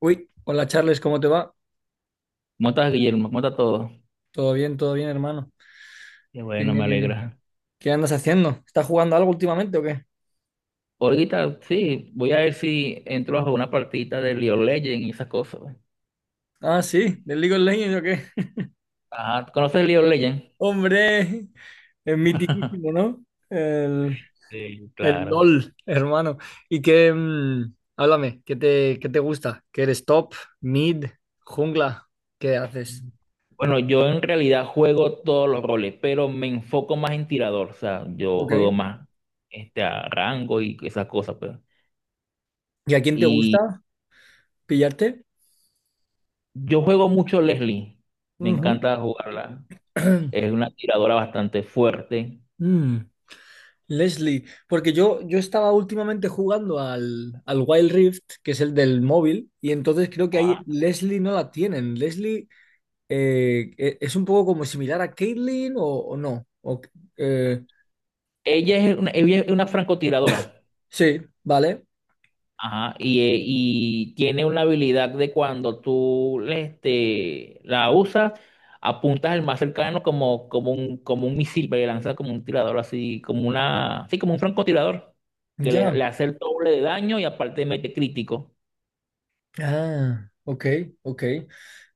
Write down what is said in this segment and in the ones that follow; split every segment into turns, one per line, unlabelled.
Uy, hola Charles, ¿cómo te va?
Mota a Guillermo, mota a todos.
Todo bien, hermano.
Qué
¿Qué,
bueno, me alegra.
qué andas haciendo? ¿Estás jugando algo últimamente o qué?
Ahorita sí, voy a ver si entro a una partidita de League of Legends y esas cosas.
Ah, sí, del League of Legends o qué.
Ajá, ¿conoces League of Legends?
Hombre, es mitiquísimo, ¿no? El,
Sí,
el
claro.
LOL, hermano. Y que, háblame, ¿qué te gusta? ¿Qué eres top, mid, jungla? ¿Qué haces?
Bueno, yo en realidad juego todos los roles, pero me enfoco más en tirador. O sea, yo juego
Ok.
más a rango y esas cosas, pues.
¿Y a quién te
Y
gusta pillarte?
yo juego mucho Leslie. Me
Ujú.
encanta jugarla. Es una tiradora bastante fuerte.
Mm. Leslie, porque yo estaba últimamente jugando al Wild Rift, que es el del móvil, y entonces creo que ahí
Ajá.
Leslie no la tienen. Leslie es un poco como similar a Caitlyn o no. Eh,
Ella es una francotiradora.
sí, vale.
Ajá, y tiene una habilidad de cuando tú le la usas, apuntas el más cercano como, como un misil, pero le lanzas como un tirador, así como un francotirador, que le
Ya.
hace el doble de daño y aparte mete crítico.
Ah, ok, ok.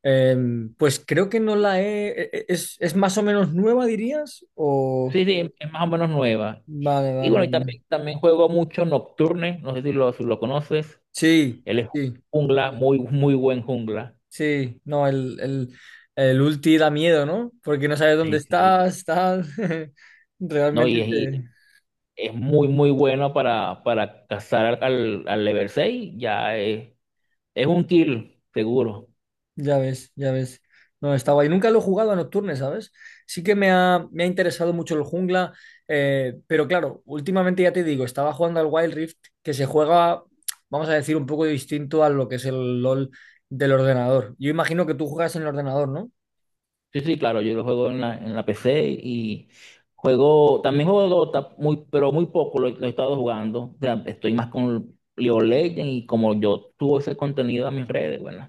Pues creo que no la he ¿Es más o menos nueva, dirías? O...
Sí, sí, es más o menos nueva.
Vale,
Y
vale,
bueno, y
vale.
también, también juego mucho Nocturne, no sé si lo conoces.
Sí,
Él es
sí.
jungla, muy, muy buen jungla.
Sí, no, el ulti da miedo, ¿no? Porque no sabes dónde
Sí, sí.
estás, tal.
No,
Realmente
y, es,
te-
es muy, muy bueno para cazar al level 6. Ya es un kill, seguro.
Ya ves, ya ves. No, está guay. Nunca lo he jugado a Nocturne, ¿sabes? Sí que me ha interesado mucho el jungla, pero claro, últimamente ya te digo, estaba jugando al Wild Rift, que se juega, vamos a decir, un poco distinto a lo que es el LOL del ordenador. Yo imagino que tú juegas en el ordenador, ¿no?
Sí, sí, claro, yo lo juego en la PC y también juego Dota, muy, pero muy poco lo he estado jugando. O sea, estoy más con League of Legends y, como yo subo ese contenido a mis redes, bueno,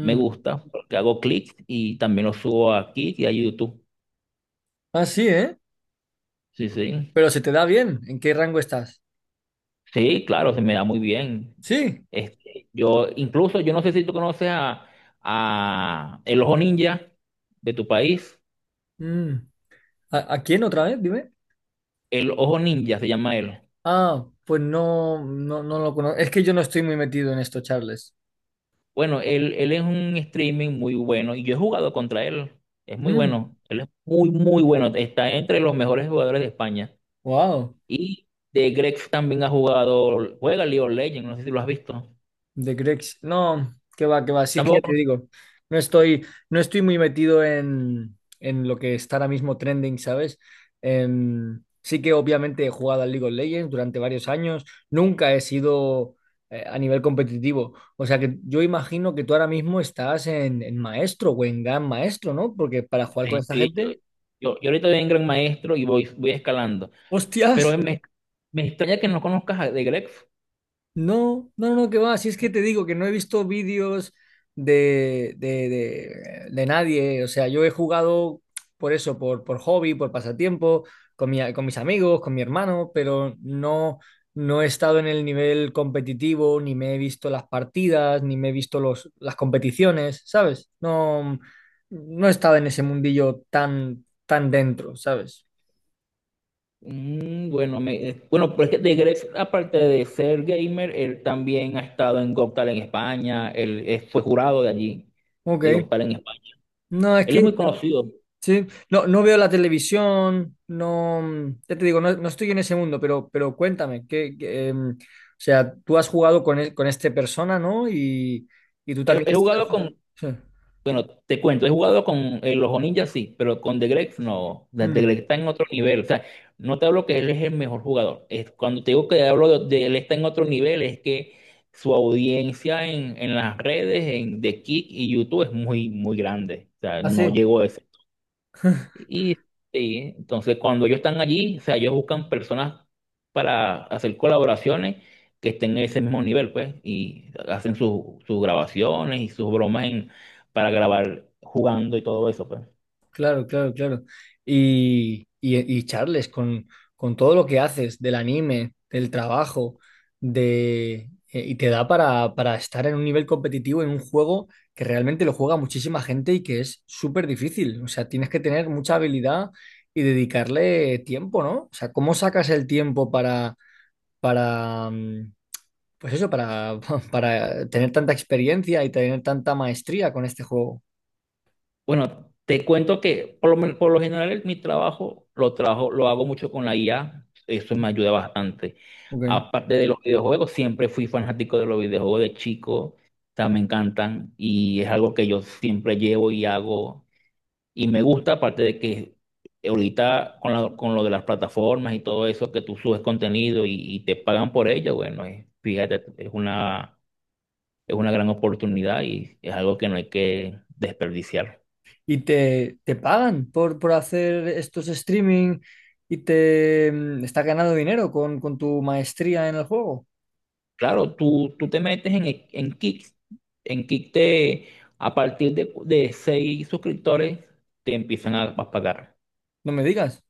me gusta porque hago clics y también lo subo aquí y a YouTube.
Ah, sí, ¿eh?
Sí, sí.
Pero se te da bien. ¿En qué rango estás?
Sí, claro, se me da muy bien.
Sí.
Este, yo, incluso, yo no sé si tú conoces a, el Ojo Ninja de tu país.
Mm. ¿A quién otra vez? Dime.
El Ojo Ninja se llama él.
Ah, pues no, no, no lo conozco. Es que yo no estoy muy metido en esto, Charles.
Bueno, él es un streaming muy bueno y yo he jugado contra él. Es muy
Mm,
bueno. Él es muy, muy bueno. Está entre los mejores jugadores de España.
wow,
Y de Grex también ha jugado, juega League of Legends, no sé si lo has visto.
de Grex. No, que va, que va. Si es que ya te
Tampoco.
digo, no estoy muy metido en lo que está ahora mismo trending, ¿sabes? Sí que obviamente he jugado al League of Legends durante varios años. Nunca he sido a nivel competitivo. O sea que yo imagino que tú ahora mismo estás en maestro o en gran maestro, ¿no? Porque para jugar con
Sí,
esta
sí, yo,
gente,
yo, yo ahorita voy en Gran Maestro y voy escalando.
¡hostias!
Pero me extraña que no conozcas a The Gref.
No, no, no, que va. Si es que te digo que no he visto vídeos de nadie. O sea, yo he jugado por eso, por hobby, por pasatiempo, con mis amigos, con mi hermano, pero no, no he estado en el nivel competitivo, ni me he visto las partidas, ni me he visto las competiciones, ¿sabes? No, no he estado en ese mundillo tan, tan dentro, ¿sabes?
Mm, bueno, pero es que The Gref, aparte de ser gamer, él también ha estado en Got Talent en España, él fue jurado de allí, de Got
Ok.
Talent en España.
No, es
Él
que.
es muy conocido.
Sí, no, no veo la televisión, no, ya te digo, no, no estoy en ese mundo, pero, cuéntame, o sea, tú has jugado con este persona, ¿no? Y tú
He,
también
he
estás...
jugado con,
Sí.
Bueno, te cuento, he jugado con el Ojo Ninja, sí, pero con The Greg no. The Greg
Mm,
está en otro nivel. O sea, no te hablo que él es el mejor jugador. Es, cuando te digo que hablo de él está en otro nivel, es que su audiencia en las redes, en The Kick y YouTube es muy, muy grande. O sea, no
así.
llegó a, y, sí, entonces cuando ellos están allí, o sea, ellos buscan personas para hacer colaboraciones que estén en ese mismo nivel, pues, y hacen sus grabaciones y sus bromas en, para grabar jugando y todo eso, pues.
Claro, claro, claro. Y Charles, con todo lo que haces del anime, del trabajo, y te da para estar en un nivel competitivo en un juego que realmente lo juega muchísima gente y que es súper difícil. O sea, tienes que tener mucha habilidad y dedicarle tiempo, ¿no? O sea, ¿cómo sacas el tiempo para, pues eso, para tener tanta experiencia y tener tanta maestría con este juego?
Bueno, te cuento que, por lo general, mi trabajo lo hago mucho con la IA, eso me ayuda bastante.
Ok.
Aparte de los videojuegos, siempre fui fanático de los videojuegos de chico, o sea, me encantan y es algo que yo siempre llevo y hago. Y me gusta, aparte de que ahorita, con lo de las plataformas y todo eso, que tú subes contenido y te pagan por ello, bueno, fíjate, es una gran oportunidad y es algo que no hay que desperdiciar.
Y te pagan por hacer estos streaming y estás ganando dinero con tu maestría en el juego.
Claro, tú te metes en Kick, a partir de seis suscriptores te empiezan a pagar.
No me digas.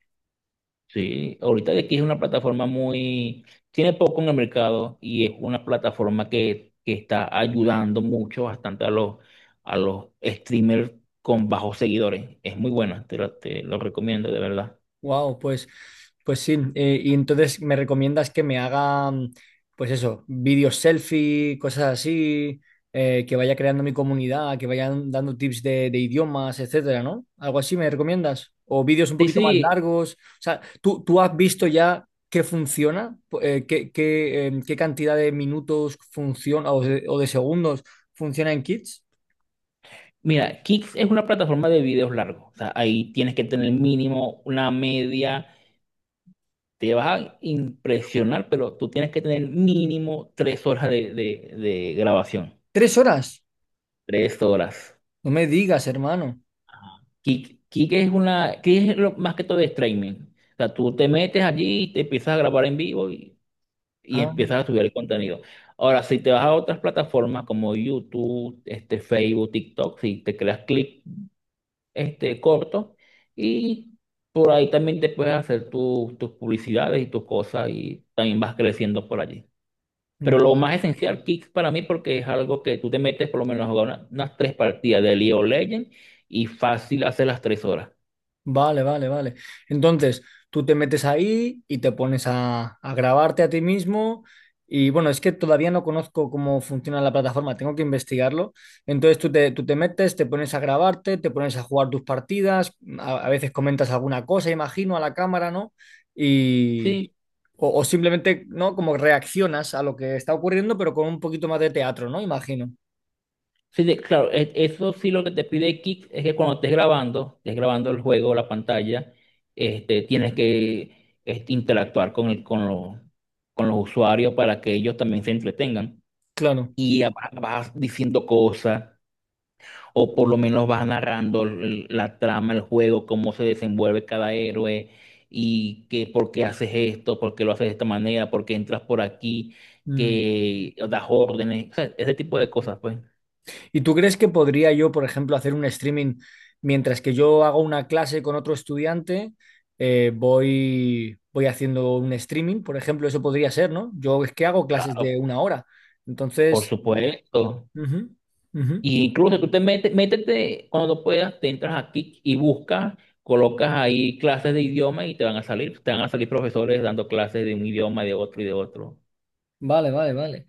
Sí, ahorita, de aquí es una plataforma muy, tiene poco en el mercado, y es una plataforma que está ayudando mucho, bastante, a los streamers con bajos seguidores. Es muy buena, te lo recomiendo de verdad.
Wow, pues sí. Y entonces me recomiendas que me haga, pues eso, vídeos selfie, cosas así, que vaya creando mi comunidad, que vayan dando tips de idiomas, etcétera, ¿no? Algo así me recomiendas. O vídeos un
Sí,
poquito más
sí,
largos. O sea, ¿tú has visto ya qué funciona? Qué cantidad de minutos funciona o de segundos funciona en Kids?
mira, Kicks es una plataforma de videos largos. O sea, ahí tienes que tener mínimo una media, te vas a impresionar, pero tú tienes que tener mínimo 3 horas de grabación.
¿3 horas?
3 horas.
No me digas, hermano.
Kik es más que todo de streaming. O sea, tú te metes allí y te empiezas a grabar en vivo y
Ah,
empiezas a subir el contenido. Ahora, si te vas a otras plataformas como YouTube, Facebook, TikTok, si te creas clip corto, y por ahí también te puedes hacer tus publicidades y tus cosas y también vas creciendo por allí. Pero lo más esencial, Kik, para mí, porque es algo que tú te metes por lo menos a jugar unas tres partidas de League of Legends y fácil hacer las 3 horas.
vale, vale, vale. Entonces, tú te metes ahí y te pones a grabarte a ti mismo. Y bueno, es que todavía no conozco cómo funciona la plataforma, tengo que investigarlo. Entonces tú te metes, te pones a grabarte, te pones a jugar tus partidas, a veces comentas alguna cosa, imagino, a la cámara, ¿no? Y,
Sí,
o simplemente, ¿no? Como reaccionas a lo que está ocurriendo, pero con un poquito más de teatro, ¿no? Imagino.
sí, claro, eso sí, lo que te pide Kick es que, cuando estés grabando el juego, la pantalla, tienes que interactuar con los usuarios para que ellos también se entretengan.
Claro.
Vas diciendo cosas, o por
Mm.
lo menos vas narrando la trama, el juego, cómo se desenvuelve cada héroe, y que por qué haces esto, por qué lo haces de esta manera, por qué entras por aquí,
Mm.
que das órdenes, o sea, ese tipo de cosas, pues.
¿Y tú crees que podría yo, por ejemplo, hacer un streaming mientras que yo hago una clase con otro estudiante? Voy haciendo un streaming, por ejemplo, eso podría ser, ¿no? Yo es que hago clases
Claro,
de una hora.
por
Entonces,
supuesto.
ujú, ujú.
Y incluso, tú te metes, métete cuando puedas, te entras aquí y buscas, colocas ahí clases de idioma y te van a salir profesores dando clases de un idioma, de otro y de otro.
Vale, vale, vale.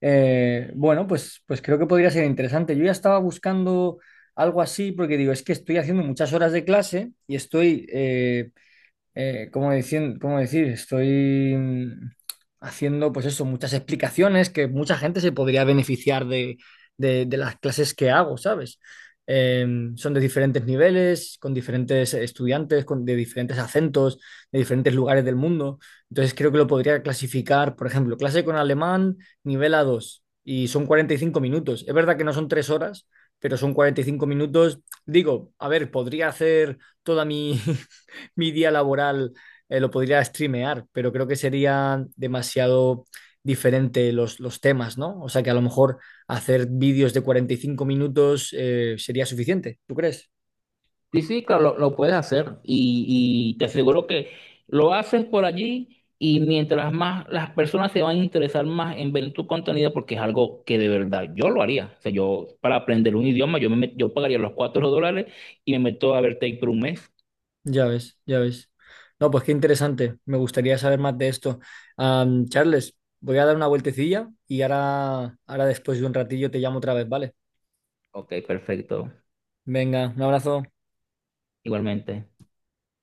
Bueno, pues creo que podría ser interesante. Yo ya estaba buscando algo así porque digo, es que estoy haciendo muchas horas de clase y estoy ¿cómo decir, cómo decir? Estoy haciendo, pues eso, muchas explicaciones que mucha gente se podría beneficiar de las clases que hago, ¿sabes? Eh, son de diferentes niveles, con diferentes estudiantes, de diferentes acentos, de diferentes lugares del mundo. Entonces creo que lo podría clasificar, por ejemplo, clase con alemán, nivel A2 y son 45 minutos. Es verdad que no son 3 horas, pero son 45 minutos. Digo, a ver, podría hacer toda mi día laboral lo podría streamear, pero creo que sería demasiado diferente los temas, ¿no? O sea que a lo mejor hacer vídeos de 45 minutos sería suficiente, ¿tú crees?
Sí, sí, claro, lo puedes hacer, y te aseguro que lo haces por allí y mientras más, las personas se van a interesar más en ver tu contenido, porque es algo que de verdad yo lo haría. O sea, yo, para aprender un idioma, yo pagaría los $4 y me meto a ver Take por un mes.
Ya ves, ya ves. No, pues qué interesante. Me gustaría saber más de esto. Charles, voy a dar una vueltecilla y ahora, después de un ratillo te llamo otra vez, ¿vale?
Ok, perfecto.
Venga, un abrazo.
Igualmente.